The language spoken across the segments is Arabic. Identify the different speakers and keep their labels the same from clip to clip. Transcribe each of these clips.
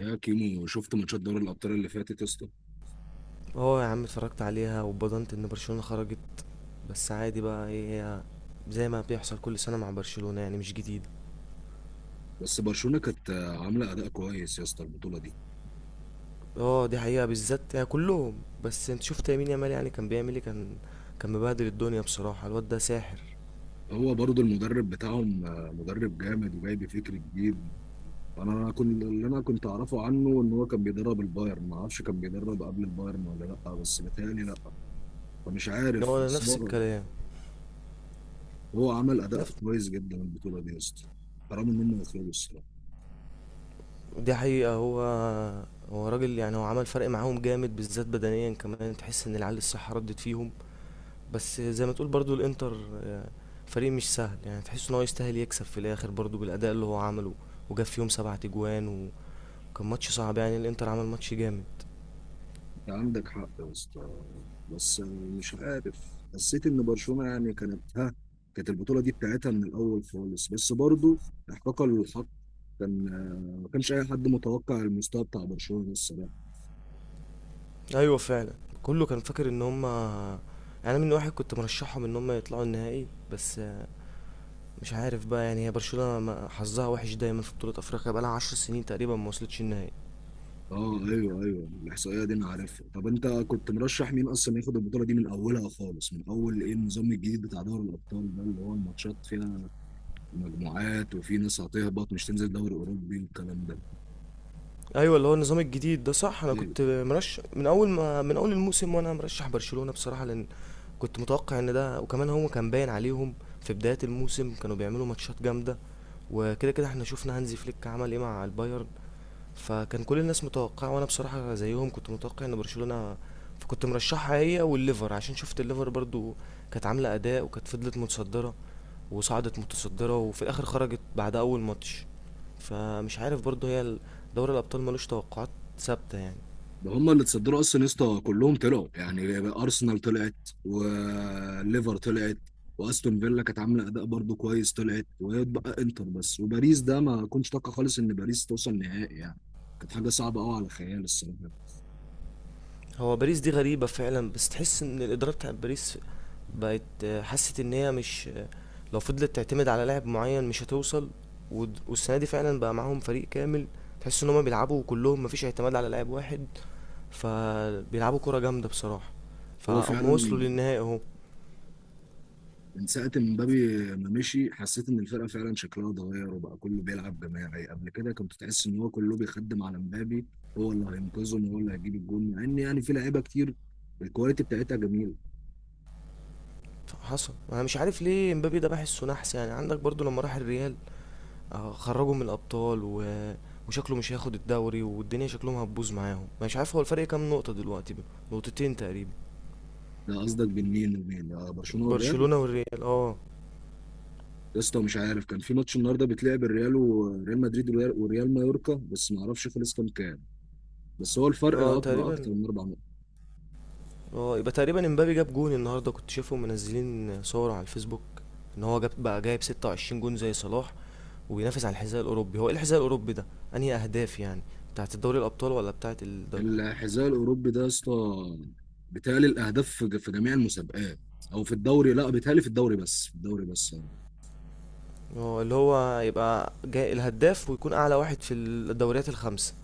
Speaker 1: يا كيمو شفت ماتشات دوري الابطال اللي فاتت يا اسطى؟
Speaker 2: اه، يا عم اتفرجت عليها واتبضنت ان برشلونة خرجت. بس عادي بقى، ايه هي؟ زي ما بيحصل كل سنة مع برشلونة، يعني مش جديد.
Speaker 1: بس برشلونه كانت عامله اداء كويس يا اسطى البطوله دي.
Speaker 2: اه دي حقيقة، بالذات يعني كلهم. بس انت شفت يمين يامال، يعني كان بيعمل ايه؟ كان مبهدل الدنيا بصراحة، الواد ده ساحر.
Speaker 1: هو برضو المدرب بتاعهم مدرب جامد وجايب فكر جديد. انا كنت اعرفه عنه ان هو كان بيدرب البايرن، ما اعرفش كان بيدرب قبل البايرن ولا لا، بس بيتهيألي لا. فمش
Speaker 2: هو
Speaker 1: عارف،
Speaker 2: ده
Speaker 1: بس
Speaker 2: نفس
Speaker 1: هو
Speaker 2: الكلام.
Speaker 1: هو عمل اداء
Speaker 2: نفس
Speaker 1: كويس جدا البطوله دي يا اسطى. حرام ان هم يخرجوا الصراحه.
Speaker 2: دي حقيقة. هو هو راجل، يعني هو عمل فرق معاهم جامد، بالذات بدنيا كمان تحس ان العيال الصحة ردت فيهم. بس زي ما تقول برضو الانتر آه، فريق مش سهل، يعني تحس ان هو يستاهل يكسب في الاخر برضو بالاداء اللي هو عمله. وجاب فيهم 7 اجوان، وكان ماتش صعب يعني، الانتر عمل ماتش جامد.
Speaker 1: عندك حق يا اسطى، بس مش عارف، حسيت ان برشلونه يعني كانت كانت البطوله دي بتاعتها من الاول خالص، بس برضو احقاقا للحق كان ما كانش اي حد متوقع المستوى بتاع برشلونه الصراحه.
Speaker 2: ايوه فعلا. كله كان فاكر ان هم يعني، انا من واحد كنت مرشحهم ان هم يطلعوا النهائي. بس مش عارف بقى، يعني هي برشلونة حظها وحش دايما في بطولة افريقيا، بقالها 10 سنين تقريبا ما وصلتش النهائي.
Speaker 1: اه ايوه ايوه، الاحصائيه دي انا عارفها. طب انت كنت مرشح مين اصلا ياخد البطوله دي من اولها خالص؟ من اول ايه؟ النظام الجديد بتاع دوري الابطال ده اللي هو الماتشات فيها مجموعات، وفي ناس هتهبط مش تنزل دوري اوروبي والكلام
Speaker 2: ايوه، اللي هو النظام الجديد ده صح. انا
Speaker 1: ده
Speaker 2: كنت مرشح من اول ما من اول الموسم، وانا مرشح برشلونة بصراحة، لان كنت متوقع ان ده. وكمان هو كان باين عليهم في بداية الموسم، كانوا بيعملوا ماتشات جامدة. وكده كده احنا شفنا هانزي فليك عمل ايه مع البايرن. فكان كل الناس متوقعة، وانا بصراحة زيهم كنت متوقع ان برشلونة. فكنت مرشحها هي والليفر، عشان شفت الليفر برضو كانت عاملة اداء، وكانت فضلت متصدرة وصعدت متصدرة، وفي الآخر خرجت بعد أول ماتش. فمش عارف برضه، هي دوري الأبطال ملوش توقعات ثابتة يعني.
Speaker 1: ده. هم اللي تصدروا اصلا يا اسطى، كلهم طلعوا. يعني ارسنال طلعت، وليفر طلعت، واستون فيلا كانت عامله اداء برضو كويس طلعت، وبقى انتر بس. وباريس ده ما كنتش اتوقع خالص ان باريس توصل نهائي يعني، كانت حاجه صعبه قوي على الخيال الصراحه.
Speaker 2: هو باريس دي غريبة فعلا، بس تحس إن الإدارة بتاعت باريس بقت حست إن هي مش لو فضلت تعتمد على لاعب معين مش هتوصل. والسنة دي فعلا بقى معاهم فريق كامل، تحس إن هما بيلعبوا كلهم، مفيش اعتماد على لاعب واحد، فبيلعبوا كرة جامدة بصراحة.
Speaker 1: هو
Speaker 2: فهم وصلوا
Speaker 1: فعلا
Speaker 2: للنهائي اهو.
Speaker 1: من ساعه ما مبابي ما مشي حسيت ان الفرقه فعلا شكلها اتغير، وبقى كله بيلعب جماعي. قبل كده كنت تحس ان هو كله بيخدم على مبابي، هو اللي هينقذهم وهو اللي هيجيب الجون، مع ان يعني في لعيبه كتير الكواليتي بتاعتها جميله.
Speaker 2: حصل. انا مش عارف ليه امبابي ده بحسه نحس، يعني عندك برضو لما راح الريال خرجوا من الابطال وشكله مش هياخد الدوري، والدنيا شكلهم هتبوظ معاهم. مش عارف، هو الفرق كام نقطة دلوقتي بقى؟ نقطتين تقريبا.
Speaker 1: لا قصدك بين مين ومين؟ برشلونه والريال؟
Speaker 2: برشلونة والريال اه.
Speaker 1: يا اسطى مش عارف، كان في ماتش النهارده بيتلعب، الريال وريال مدريد، والريال وريال مايوركا، بس ما اعرفش خلص كام كام. بس هو الفرق
Speaker 2: اه
Speaker 1: اكبر
Speaker 2: تقريبا.
Speaker 1: اكتر من اربع نقط.
Speaker 2: اه يبقى تقريبا امبابي جاب جون النهارده، كنت شايفهم منزلين صور على الفيسبوك ان هو جاب بقى جايب 26 جون زي صلاح، وبينافس على الحذاء الاوروبي. هو ايه الحذاء الاوروبي ده؟ انهي اهداف يعني؟ بتاعت الدوري الابطال ولا بتاعت الدوري؟
Speaker 1: الحذاء الاوروبي ده يا اسطى، بيتهيألي الاهداف في جميع المسابقات، او في الدوري، لا بيتهيألي في الدوري بس، في الدوري بس يعني.
Speaker 2: اه، اللي هو يبقى جاي الهداف ويكون اعلى واحد في الدوريات الخمسة.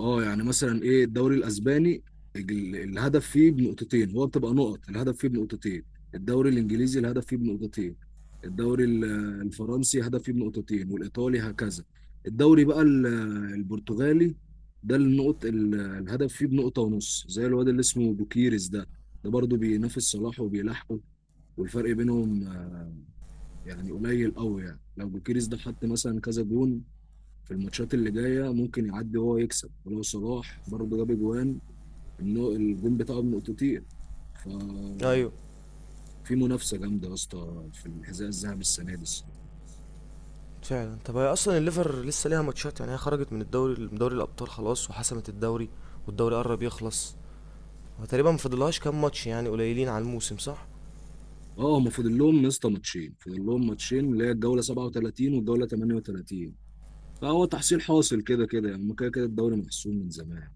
Speaker 1: اه، يعني مثلا ايه؟ الدوري الاسباني الهدف فيه بنقطتين، هو بتبقى نقط الهدف فيه بنقطتين. الدوري الانجليزي الهدف فيه بنقطتين. الدوري الفرنسي هدف فيه بنقطتين، والايطالي هكذا. الدوري بقى البرتغالي ده النقط الهدف فيه بنقطة ونص، زي الواد اللي اسمه بوكيريس ده، ده برضه بينافس صلاح وبيلاحقه. والفرق بينهم يعني قليل قوي. يعني لو بوكيريس ده حط مثلا كذا جون في الماتشات اللي جايه ممكن يعدي هو، يكسب. ولو صلاح برضه جاب اجوان انه الجون بتاعه من اوتوتير، ففي
Speaker 2: ايوه
Speaker 1: منافسه جامده يا اسطى في الحذاء الذهبي السنه دي الصراحه.
Speaker 2: فعلا. طب هي اصلا الليفر لسه ليها ماتشات، يعني هي خرجت من الدوري، من دوري الابطال خلاص وحسمت الدوري. والدوري قرب يخلص، وتقريبا ما فاضلهاش كام ماتش يعني، قليلين على الموسم، صح؟
Speaker 1: اه، هما فاضل لهم يا اسطى ماتشين، فاضل لهم ماتشين، اللي هي الجوله 37 والجوله 38. فهو تحصيل حاصل كده كده يعني، هما كده كده الدوري محسوم من زمان.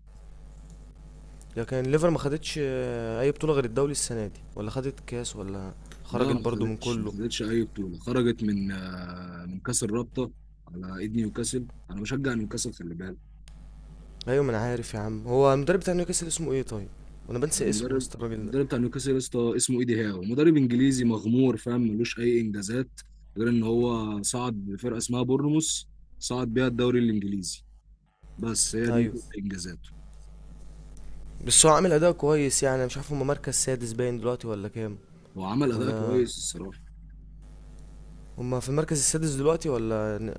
Speaker 2: لكن الليفر ما خدتش اي بطوله غير الدوري السنه دي، ولا خدت كاس، ولا
Speaker 1: لا
Speaker 2: خرجت
Speaker 1: ما
Speaker 2: برضو من
Speaker 1: خدتش ما
Speaker 2: كله.
Speaker 1: خدتش اي بطوله، خرجت من كاس الرابطه على ايد نيوكاسل. انا بشجع نيوكاسل خلي بالك.
Speaker 2: ايوه ما انا عارف يا عم. هو المدرب بتاع نيوكاسل اسمه ايه طيب؟ وانا بنسى اسمه يا
Speaker 1: المدرب
Speaker 2: اسطى الراجل ده.
Speaker 1: المدرب بتاع نيوكاسل يا اسطى اسمه ايدي هاو، مدرب انجليزي مغمور فاهم، ملوش اي انجازات غير ان هو صعد بفرقه اسمها بورنموث، صعد بيها الدوري الانجليزي، بس هي دي
Speaker 2: ايوه،
Speaker 1: كل انجازاته.
Speaker 2: بس هو عامل اداء كويس يعني. أنا مش عارف، هما مركز سادس باين دلوقتي ولا كام؟
Speaker 1: هو عمل اداء
Speaker 2: ولا
Speaker 1: كويس الصراحه.
Speaker 2: هما في المركز السادس دلوقتي ولا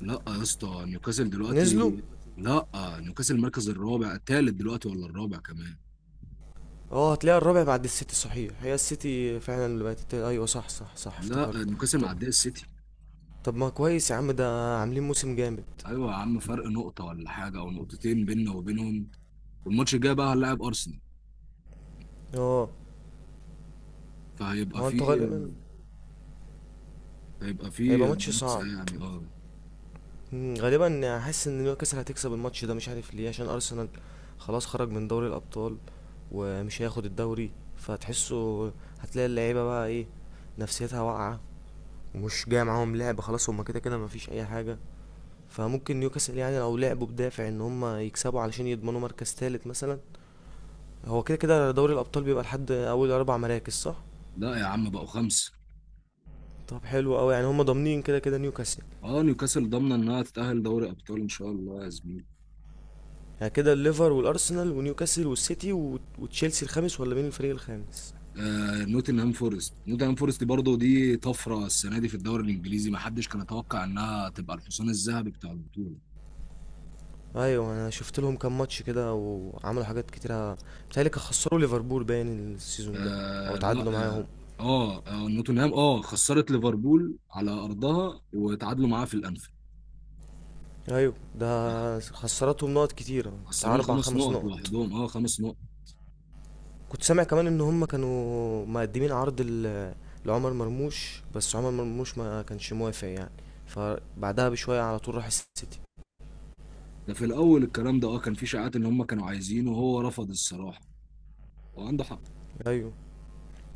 Speaker 1: لا يا اسطى، نيوكاسل
Speaker 2: نزلوا؟
Speaker 1: دلوقتي، لا نيوكاسل المركز الرابع، الثالث دلوقتي ولا الرابع؟ كمان،
Speaker 2: اه، هتلاقيها الرابع بعد السيتي، صحيح هي السيتي فعلا اللي بقت التالت. ايوه صح صح صح،
Speaker 1: لا
Speaker 2: افتكرت.
Speaker 1: نيوكاسل
Speaker 2: ط-
Speaker 1: معديه السيتي.
Speaker 2: طب ما كويس يا عم، ده عاملين موسم جامد.
Speaker 1: ايوه يا عم، فرق نقطه ولا حاجه او نقطتين بيننا وبينهم. والماتش الجاي بقى هنلاعب ارسنال،
Speaker 2: اه.
Speaker 1: فهيبقى
Speaker 2: هو انتوا
Speaker 1: فيه،
Speaker 2: غالبا
Speaker 1: هيبقى في
Speaker 2: هيبقى ماتش
Speaker 1: منافسة
Speaker 2: صعب.
Speaker 1: يعني، اه.
Speaker 2: غالبا حاسس ان نيوكاسل هتكسب الماتش ده، مش عارف ليه، عشان ارسنال خلاص خرج من دوري الابطال ومش هياخد الدوري. فتحسه هتلاقي اللعيبه بقى ايه، نفسيتها واقعه، ومش جاي معاهم لعب خلاص، هما كده كده مفيش اي حاجه. فممكن نيوكاسل يعني لو لعبوا بدافع ان هما يكسبوا علشان يضمنوا مركز تالت مثلا. هو كده كده دوري الابطال بيبقى لحد اول 4 مراكز، صح؟
Speaker 1: لا يا عم بقوا خمسة.
Speaker 2: طب حلو قوي، يعني هم ضامنين كده كده نيوكاسل.
Speaker 1: اه، نيوكاسل ضامنة انها تتأهل دوري ابطال ان شاء الله يا زميلي.
Speaker 2: يعني كده الليفر والارسنال ونيوكاسل والسيتي وتشيلسي الخامس، ولا مين الفريق الخامس؟
Speaker 1: نوتنهام فورست، نوتنهام فورست برضه دي طفرة السنة دي في الدوري الانجليزي، ما حدش كان يتوقع انها تبقى الحصان الذهبي بتاع البطولة.
Speaker 2: ايوه، انا شفت لهم كام ماتش كده وعملوا حاجات كتيره. بيتهيألي كانوا خسروا ليفربول باين السيزون ده، او
Speaker 1: آه لا.
Speaker 2: تعادلوا معاهم.
Speaker 1: اه, نوتنهام خسرت ليفربول على ارضها، وتعادلوا معاها في الانفيلد.
Speaker 2: ايوه ده خسرتهم نقط كتيره، بتاع
Speaker 1: خسروهم
Speaker 2: اربع
Speaker 1: خمس
Speaker 2: خمس
Speaker 1: نقط
Speaker 2: نقط.
Speaker 1: لوحدهم، اه خمس نقط.
Speaker 2: كنت سامع كمان ان هم كانوا مقدمين عرض لعمر مرموش، بس عمر مرموش ما كانش موافق يعني. فبعدها بشويه على طول راح السيتي.
Speaker 1: ده في الاول الكلام ده اه، كان في شائعات ان هم كانوا عايزينه وهو رفض الصراحة، وعنده حق.
Speaker 2: ايوه.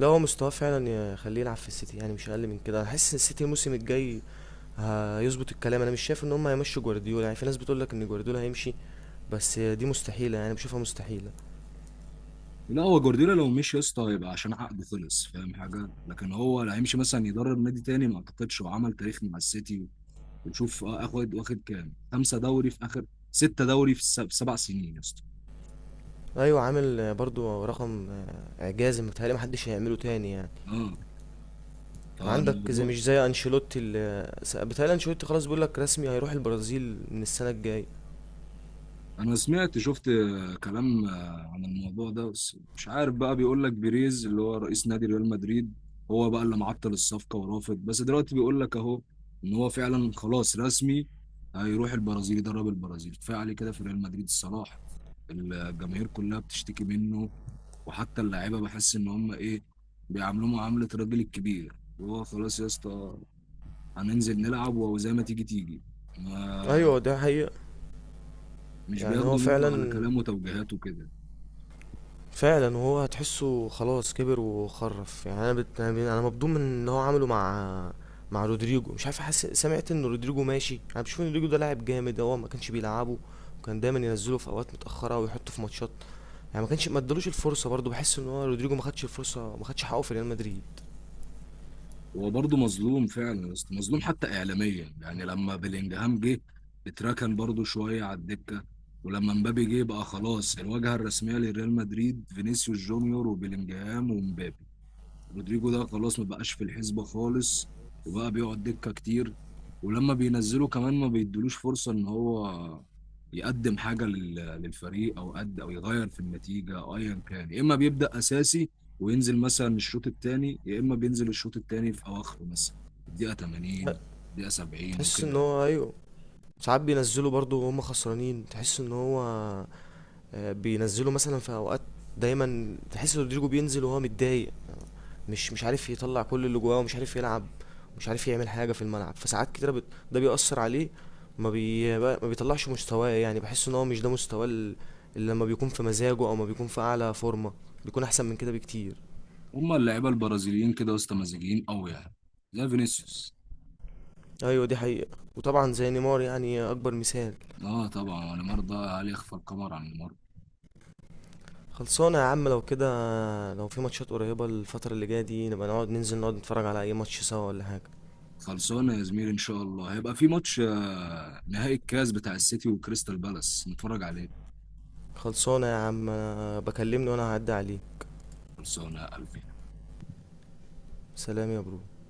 Speaker 2: لا هو مستواه فعلا يخليه يلعب في السيتي، يعني مش اقل من كده. انا حاسس ان السيتي الموسم الجاي هيظبط الكلام. انا مش شايف ان هم هيمشوا جوارديولا، يعني في ناس بتقول لك ان جوارديولا هيمشي، بس دي مستحيله، يعني بشوفها مستحيله.
Speaker 1: لا هو جوارديولا لو مشي يا اسطى هيبقى عشان عقده خلص، فاهم حاجه؟ لكن هو لا، هيمشي مثلا يدرب نادي تاني؟ ما اعتقدش، وعمل تاريخ مع السيتي، وتشوف اخد، كام، خمسه دوري في اخر، سته دوري في في سبع سنين يا اسطى.
Speaker 2: ايوه، عامل برضو رقم اعجازي، متهيألي محدش هيعمله تاني يعني.
Speaker 1: اه،
Speaker 2: عندك زي،
Speaker 1: فالموضوع،
Speaker 2: مش زي انشيلوتي اللي بيتهيألي انشيلوتي خلاص بيقول لك رسمي هيروح البرازيل من السنه الجايه.
Speaker 1: انا سمعت، شفت كلام عن الموضوع ده، بس مش عارف بقى، بيقول لك بيريز اللي هو رئيس نادي ريال مدريد، هو بقى اللي معطل الصفقة ورافض، بس دلوقتي بيقول لك اهو ان هو فعلا خلاص رسمي، هيروح البرازيل يدرب البرازيل. كفاية عليه كده في ريال مدريد الصراحة، الجماهير كلها بتشتكي منه. وحتى اللعيبة بحس ان هم ايه، بيعاملوه معاملة الراجل الكبير، وهو خلاص يا اسطى، هننزل نلعب وزي ما تيجي تيجي. ما
Speaker 2: ايوه ده حقيقه.
Speaker 1: مش
Speaker 2: يعني هو
Speaker 1: بياخدوا منه على
Speaker 2: فعلا،
Speaker 1: كلامه وتوجيهاته كده.
Speaker 2: فعلا. وهو هتحسه خلاص كبر وخرف، يعني انا مبدوم من اللي هو عمله مع رودريجو. مش عارف، حاسس سمعت ان رودريجو ماشي. انا بشوف ان رودريجو ده لاعب جامد، هو ما كانش بيلعبه، وكان دايما ينزله في اوقات متاخره ويحطه في ماتشات، يعني ما ادالوش الفرصه. برضه بحس ان هو رودريجو ما خدش الفرصه، ما خدش حقه في ريال مدريد.
Speaker 1: هو برضه مظلوم فعلا يا اسطى، مظلوم حتى اعلاميا. يعني لما بلينجهام جه اتركن برضه شويه على الدكه، ولما مبابي جه بقى خلاص، الواجهه الرسميه لريال مدريد فينيسيوس جونيور وبلينجهام ومبابي. رودريجو ده خلاص ما بقاش في الحسبة خالص، وبقى بيقعد دكة كتير. ولما بينزله كمان ما بيدلوش فرصة ان هو يقدم حاجة للفريق، او قد او يغير في النتيجة او ايا كان. يا اما بيبدأ اساسي وينزل مثلا الشوط الثاني، يا اما بينزل الشوط الثاني في اواخره مثلا، الدقيقة 80، الدقيقة 70
Speaker 2: تحس ان
Speaker 1: وكده.
Speaker 2: هو، ايوه. ساعات بينزلوا برضو وهم خسرانين، تحس ان هو بينزلوا مثلا في اوقات. دايما تحس ان رودريجو بينزل وهو متضايق، مش عارف يطلع كل اللي جواه، ومش عارف يلعب، مش عارف يعمل حاجه في الملعب. فساعات كتيره ده بيأثر عليه، ما بيطلعش مستواه. يعني بحس ان هو مش ده مستواه اللي لما بيكون في مزاجه او ما بيكون في اعلى فورمه، بيكون احسن من كده بكتير.
Speaker 1: هما اللعيبة البرازيليين كده، وسط، مزاجيين قوي يعني، زي فينيسيوس.
Speaker 2: ايوه دي حقيقه. وطبعا زي نيمار، يعني اكبر مثال.
Speaker 1: اه طبعا، ونيمار ده هل يخفى القمر عن نيمار؟
Speaker 2: خلصانة يا عم، لو كده لو في ماتشات قريبة الفترة اللي جاية دي، نبقى نقعد ننزل نقعد نتفرج على أي ماتش سوا ولا حاجة.
Speaker 1: خلصانه يا زميلي، ان شاء الله هيبقى في ماتش نهائي الكاس بتاع السيتي وكريستال بالاس نتفرج عليه.
Speaker 2: خلصانة يا عم. بكلمني وأنا هعدي عليه.
Speaker 1: خلصانه يا قلبي.
Speaker 2: سلام يا برو.